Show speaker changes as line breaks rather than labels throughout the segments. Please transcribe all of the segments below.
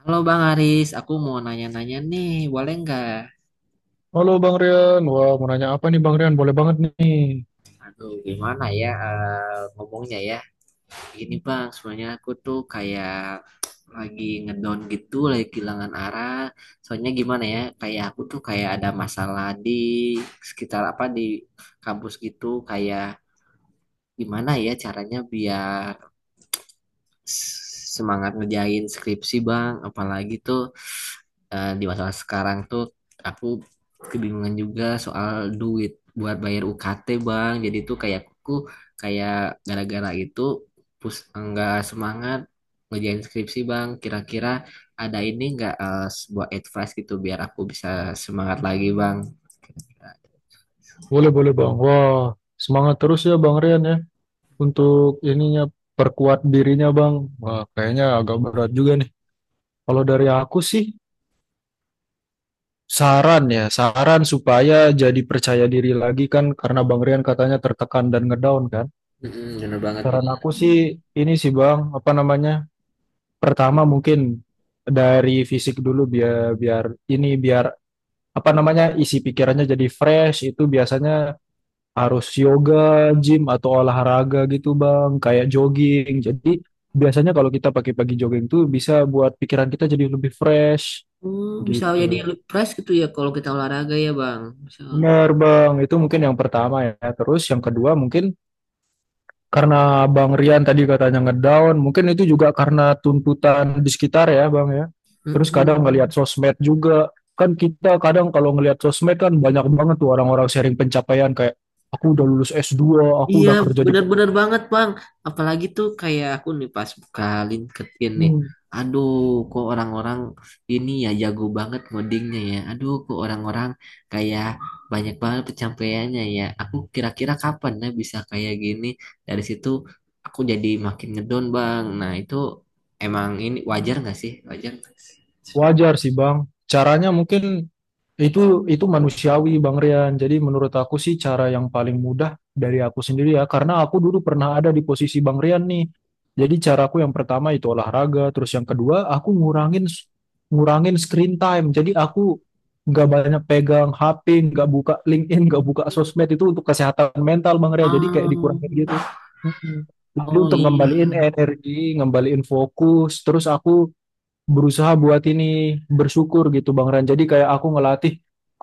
Halo Bang Aris, aku mau nanya-nanya nih, boleh nggak?
Halo Bang Rian, wah mau nanya apa nih Bang Rian? Boleh banget nih.
Aduh, gimana ya ngomongnya ya? Gini Bang, sebenarnya aku tuh kayak lagi ngedown gitu, lagi kehilangan arah. Soalnya gimana ya? Kayak aku tuh kayak ada masalah di sekitar apa di kampus gitu, kayak gimana ya caranya biar semangat ngerjain skripsi bang, apalagi tuh di masa sekarang tuh aku kebingungan juga soal duit buat bayar UKT bang, jadi tuh kayak aku kayak gara-gara itu pus enggak semangat ngerjain skripsi bang. Kira-kira ada ini enggak, sebuah advice gitu biar aku bisa semangat lagi bang. Kira-kira.
Boleh, boleh Bang. Wah, semangat terus ya Bang Rian ya untuk ininya perkuat dirinya Bang. Wah, kayaknya agak berat juga nih. Kalau dari aku sih saran ya, saran supaya jadi percaya diri lagi kan karena Bang Rian katanya tertekan dan ngedown kan.
Mm-mm, bener banget bang.
Saran aku sih ini sih Bang, apa namanya? Pertama mungkin dari fisik dulu biar biar ini biar apa namanya isi pikirannya jadi fresh itu biasanya harus yoga, gym atau olahraga gitu Bang, kayak jogging. Jadi biasanya kalau kita pagi-pagi jogging tuh bisa buat pikiran kita jadi lebih fresh
Oh, bisa
gitu.
jadi fresh gitu ya kalau kita olahraga ya bang. Misal.
Benar Bang, itu mungkin yang pertama ya. Terus yang kedua mungkin karena Bang Rian tadi katanya ngedown, mungkin itu juga karena tuntutan di sekitar ya Bang ya. Terus kadang ngelihat
Mm-mm.
sosmed juga. Kan kita kadang kalau ngelihat sosmed kan banyak banget tuh orang-orang sharing pencapaian kayak aku udah lulus S2, aku
Iya,
udah kerja di
benar-benar banget, Bang. Apalagi tuh kayak aku nih pas buka LinkedIn nih.
Hmm.
Aduh, kok orang-orang ini ya jago banget ngodingnya ya. Aduh, kok orang-orang kayak banyak banget pencapaiannya ya. Aku kira-kira kapan ya bisa kayak gini. Dari situ aku jadi makin ngedown, Bang. Nah, itu emang ini wajar nggak sih? Wajar nggak sih?
Wajar sih Bang. Caranya mungkin itu itu manusiawi Bang Rian. Jadi menurut aku sih cara yang paling mudah dari aku sendiri ya, karena aku dulu pernah ada di posisi Bang Rian nih. Jadi caraku yang pertama itu olahraga, terus yang kedua aku ngurangin ngurangin screen time. Jadi aku nggak banyak pegang HP, nggak buka LinkedIn, nggak buka sosmed itu untuk kesehatan mental Bang Rian. Jadi kayak dikurangin gitu.
Oh,
Mm-mm. Jadi
oh
untuk
iya.
ngembaliin energi, ngembaliin fokus, terus aku berusaha buat ini bersyukur gitu Bang Ran. Jadi kayak aku ngelatih,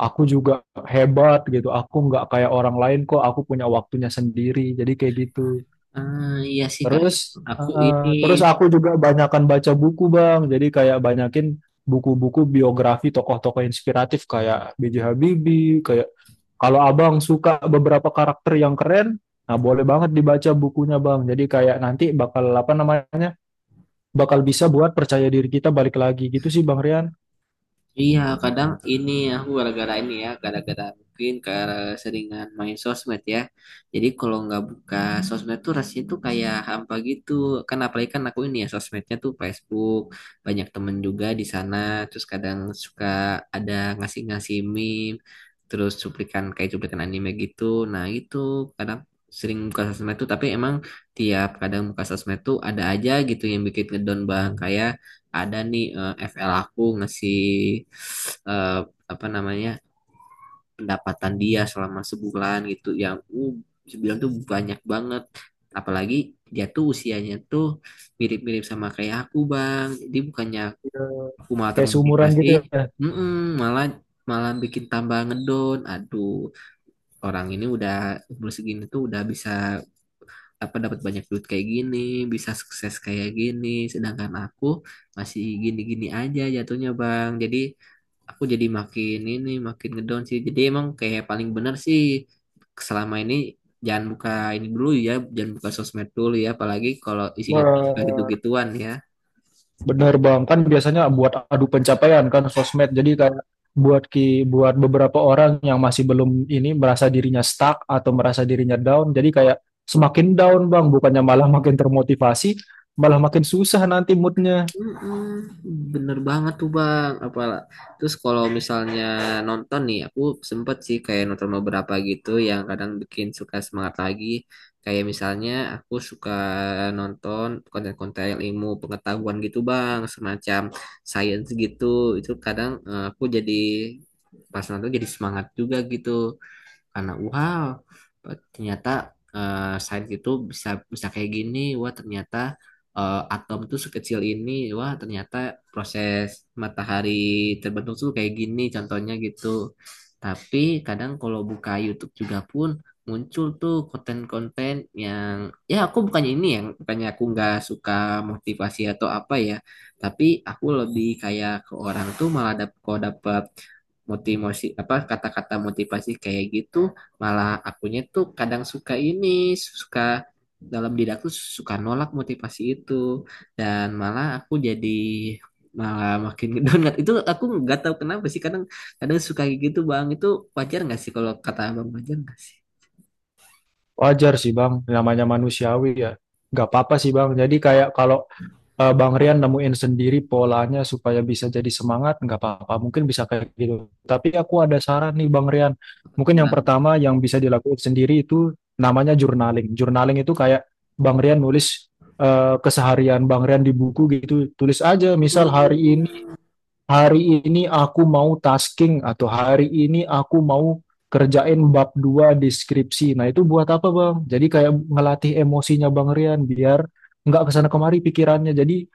aku juga hebat gitu. Aku nggak kayak orang lain kok. Aku punya waktunya sendiri. Jadi kayak gitu.
Ah, iya sih, Kak.
Terus eh,
Aku
eh,
ini
terus aku juga banyakan baca buku Bang. Jadi kayak banyakin buku-buku biografi tokoh-tokoh inspiratif kayak B J Habibie, kayak kalau Abang suka beberapa karakter yang keren, nah boleh banget dibaca bukunya Bang. Jadi kayak nanti bakal apa namanya? Bakal bisa buat percaya diri kita balik lagi gitu sih Bang Rian.
iya, kadang ini ya, aku gara-gara ini ya, gara-gara mungkin ke seringan main sosmed ya. Jadi kalau nggak buka sosmed tuh rasanya tuh kayak hampa gitu. Kan apalagi kan aku ini ya sosmednya tuh Facebook, banyak temen juga di sana. Terus kadang suka ada ngasih-ngasih meme, terus cuplikan kayak cuplikan anime gitu. Nah itu kadang sering buka sosmed tuh, tapi emang tiap kadang buka sosmed tuh ada aja gitu yang bikin ngedown bang. Kayak ada nih FL aku ngasih eh, apa namanya pendapatan dia selama sebulan gitu yang sebulan tuh banyak banget, apalagi dia tuh usianya tuh mirip-mirip sama kayak aku bang, jadi bukannya aku malah
Kayak seumuran
termotivasi,
gitu ya.
mm-mm, malah malah bikin tambah ngedown. Aduh, orang ini udah umur segini tuh udah bisa apa dapat banyak duit kayak gini, bisa sukses kayak gini, sedangkan aku masih gini-gini aja jatuhnya Bang. Jadi aku jadi makin ini makin ngedown sih. Jadi emang kayak paling bener sih selama ini jangan buka ini dulu ya, jangan buka sosmed dulu ya, apalagi kalau isinya tuh suka
Ber-
gitu-gituan ya.
Bener Bang, kan biasanya buat adu pencapaian kan sosmed. Jadi kayak buat ki buat beberapa orang yang masih belum ini merasa dirinya stuck atau merasa dirinya down. Jadi kayak semakin down Bang, bukannya malah makin termotivasi, malah makin susah nanti moodnya.
Mm-mm, bener banget tuh bang apalah. Terus kalau misalnya nonton nih aku sempet sih kayak nonton beberapa gitu yang kadang bikin suka semangat lagi, kayak misalnya aku suka nonton konten-konten ilmu pengetahuan gitu bang, semacam science gitu. Itu kadang aku jadi pas nonton jadi semangat juga gitu, karena wow ternyata sains itu bisa bisa kayak gini. Wah ternyata atom tuh sekecil ini. Wah ternyata proses matahari terbentuk tuh kayak gini contohnya gitu. Tapi kadang kalau buka YouTube juga pun muncul tuh konten-konten yang ya aku bukannya ini yang bukannya aku nggak suka motivasi atau apa ya, tapi aku lebih kayak ke orang tuh malah dap kalau dapat motivasi apa kata-kata motivasi kayak gitu malah akunya tuh kadang suka ini suka dalam diri aku suka nolak motivasi itu, dan malah aku jadi malah makin ngedonat. Itu aku nggak tahu kenapa sih, kadang kadang suka kayak gitu bang. Itu wajar nggak sih kalau kata abang, wajar nggak sih?
Wajar sih Bang, namanya manusiawi ya. Gak apa-apa sih Bang. Jadi kayak kalau Bang Rian nemuin sendiri polanya supaya bisa jadi semangat, nggak apa-apa. Mungkin bisa kayak gitu. Tapi aku ada saran nih Bang Rian.
Aku tuh
Mungkin yang
bilang,
pertama yang bisa dilakukan sendiri itu namanya journaling. Journaling itu kayak Bang Rian nulis keseharian Bang Rian di buku gitu. Tulis aja, misal
"Hmm,
hari ini aku mau tasking atau hari ini aku mau kerjain bab 2 deskripsi. Nah itu buat apa Bang? Jadi kayak ngelatih emosinya Bang Rian biar nggak kesana kemari pikirannya. Jadi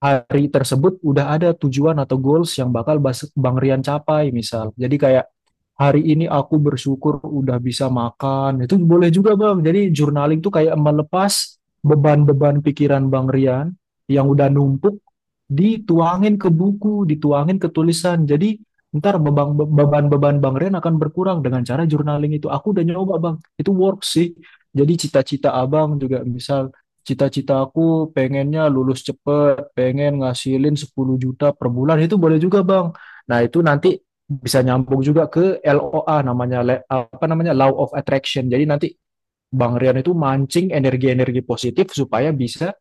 hari tersebut udah ada tujuan atau goals yang bakal Bang Rian capai misal. Jadi kayak hari ini aku bersyukur udah bisa makan. Itu boleh juga Bang. Jadi journaling tuh kayak melepas beban-beban pikiran Bang Rian yang udah numpuk dituangin ke buku, dituangin ke tulisan. Jadi ntar beban-beban Bang Ren akan berkurang dengan cara journaling itu. Aku udah nyoba Bang, itu work sih. Jadi cita-cita Abang juga misal cita-cita aku pengennya lulus cepet, pengen ngasilin 10 juta per bulan, itu boleh juga Bang. Nah itu nanti bisa nyambung juga ke LOA namanya apa namanya Law of Attraction. Jadi nanti Bang Rian itu mancing energi-energi positif supaya bisa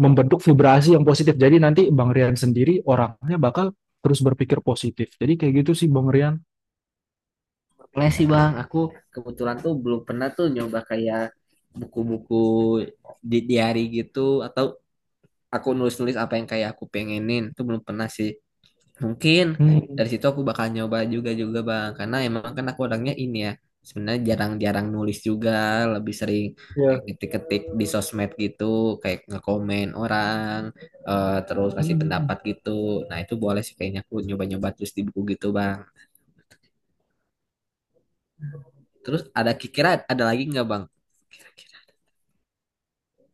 membentuk vibrasi yang positif. Jadi nanti Bang Rian sendiri orangnya bakal terus berpikir positif. Jadi kayak gitu sih Bang Rian.
boleh sih bang. Aku kebetulan tuh belum pernah tuh nyoba kayak buku-buku di diary gitu, atau aku nulis-nulis apa yang kayak aku pengenin itu belum pernah sih. Mungkin
Hmm,
dari situ aku bakal nyoba juga juga bang, karena emang kan aku orangnya ini ya sebenarnya jarang-jarang nulis juga, lebih sering kayak
ya.
ketik-ketik di sosmed gitu kayak ngekomen orang, terus kasih
Hmm.
pendapat gitu. Nah itu boleh sih kayaknya aku nyoba-nyoba terus di buku gitu bang. Terus ada kira-kira ada lagi nggak bang?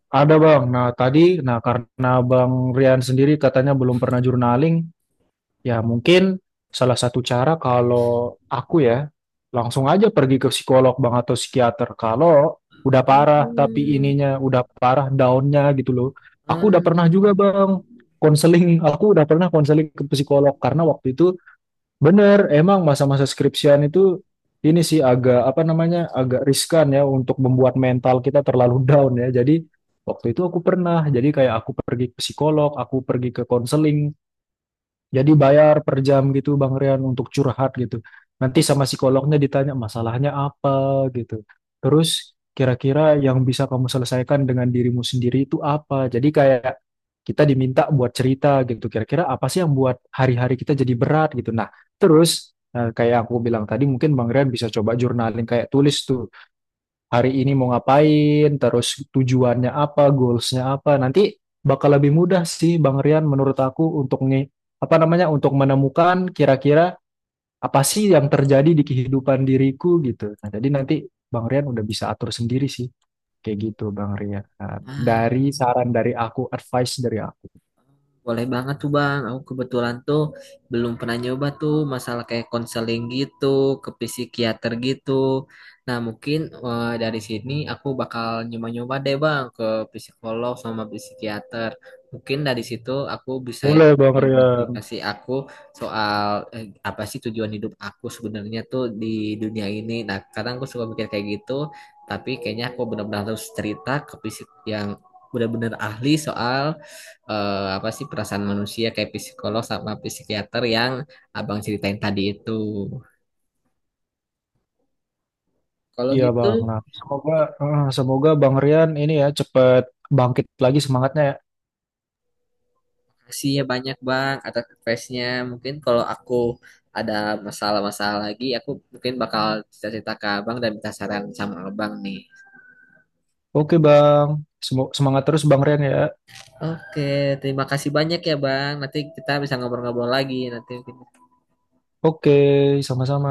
Ada Bang. Nah tadi, nah karena Bang Rian sendiri katanya belum pernah journaling, ya mungkin salah satu cara kalau aku ya langsung aja pergi ke psikolog Bang atau psikiater. Kalau udah parah tapi
Hmm.
ininya udah parah downnya gitu loh. Aku udah pernah
Hmm.
juga Bang konseling, aku udah pernah konseling ke psikolog karena waktu itu bener, emang masa-masa skripsian itu ini sih agak apa namanya agak riskan ya untuk membuat mental kita terlalu down ya. Jadi waktu itu aku pernah, jadi kayak aku pergi ke psikolog, aku pergi ke konseling jadi bayar per jam gitu Bang Rian untuk curhat gitu. Nanti sama psikolognya ditanya masalahnya apa gitu. Terus kira-kira yang bisa kamu selesaikan dengan dirimu sendiri itu apa? Jadi kayak kita diminta buat cerita gitu. Kira-kira apa sih yang buat hari-hari kita jadi berat gitu. Nah, terus kayak aku bilang tadi mungkin Bang Rian bisa coba jurnalin kayak tulis tuh hari ini mau ngapain, terus tujuannya apa, goalsnya apa. Nanti bakal lebih mudah sih Bang Rian menurut aku untuk nih apa namanya untuk menemukan kira-kira apa sih yang terjadi di kehidupan diriku gitu. Nah, jadi nanti Bang Rian udah bisa atur sendiri sih kayak gitu Bang Rian. Nah,
Ah,
dari saran dari aku, advice dari aku.
boleh banget tuh Bang. Aku kebetulan tuh belum pernah nyoba tuh masalah kayak konseling gitu, ke psikiater gitu. Nah, mungkin dari sini aku bakal nyoba-nyoba deh Bang ke psikolog sama psikiater. Mungkin dari situ aku bisa
Boleh Bang Rian.
dimotivasi aku soal apa sih tujuan hidup aku sebenarnya tuh di dunia ini. Nah, kadang aku suka mikir kayak gitu, tapi kayaknya aku benar-benar harus cerita ke psik yang benar-benar ahli soal apa sih perasaan manusia, kayak psikolog sama psikiater yang abang ceritain tadi itu. Kalau
Iya
gitu,
Bang. Nah, semoga semoga Bang Rian ini ya cepet bangkit lagi semangatnya ya.
kasih ya banyak bang atas advice-nya. Mungkin kalau aku ada masalah-masalah lagi, aku mungkin bakal cerita-cerita ke abang dan minta saran sama abang nih.
Oke Bang. Semangat terus Bang Rian ya.
Oke, terima kasih banyak ya bang. Nanti kita bisa ngobrol-ngobrol lagi. Nanti mungkin
Oke, sama-sama.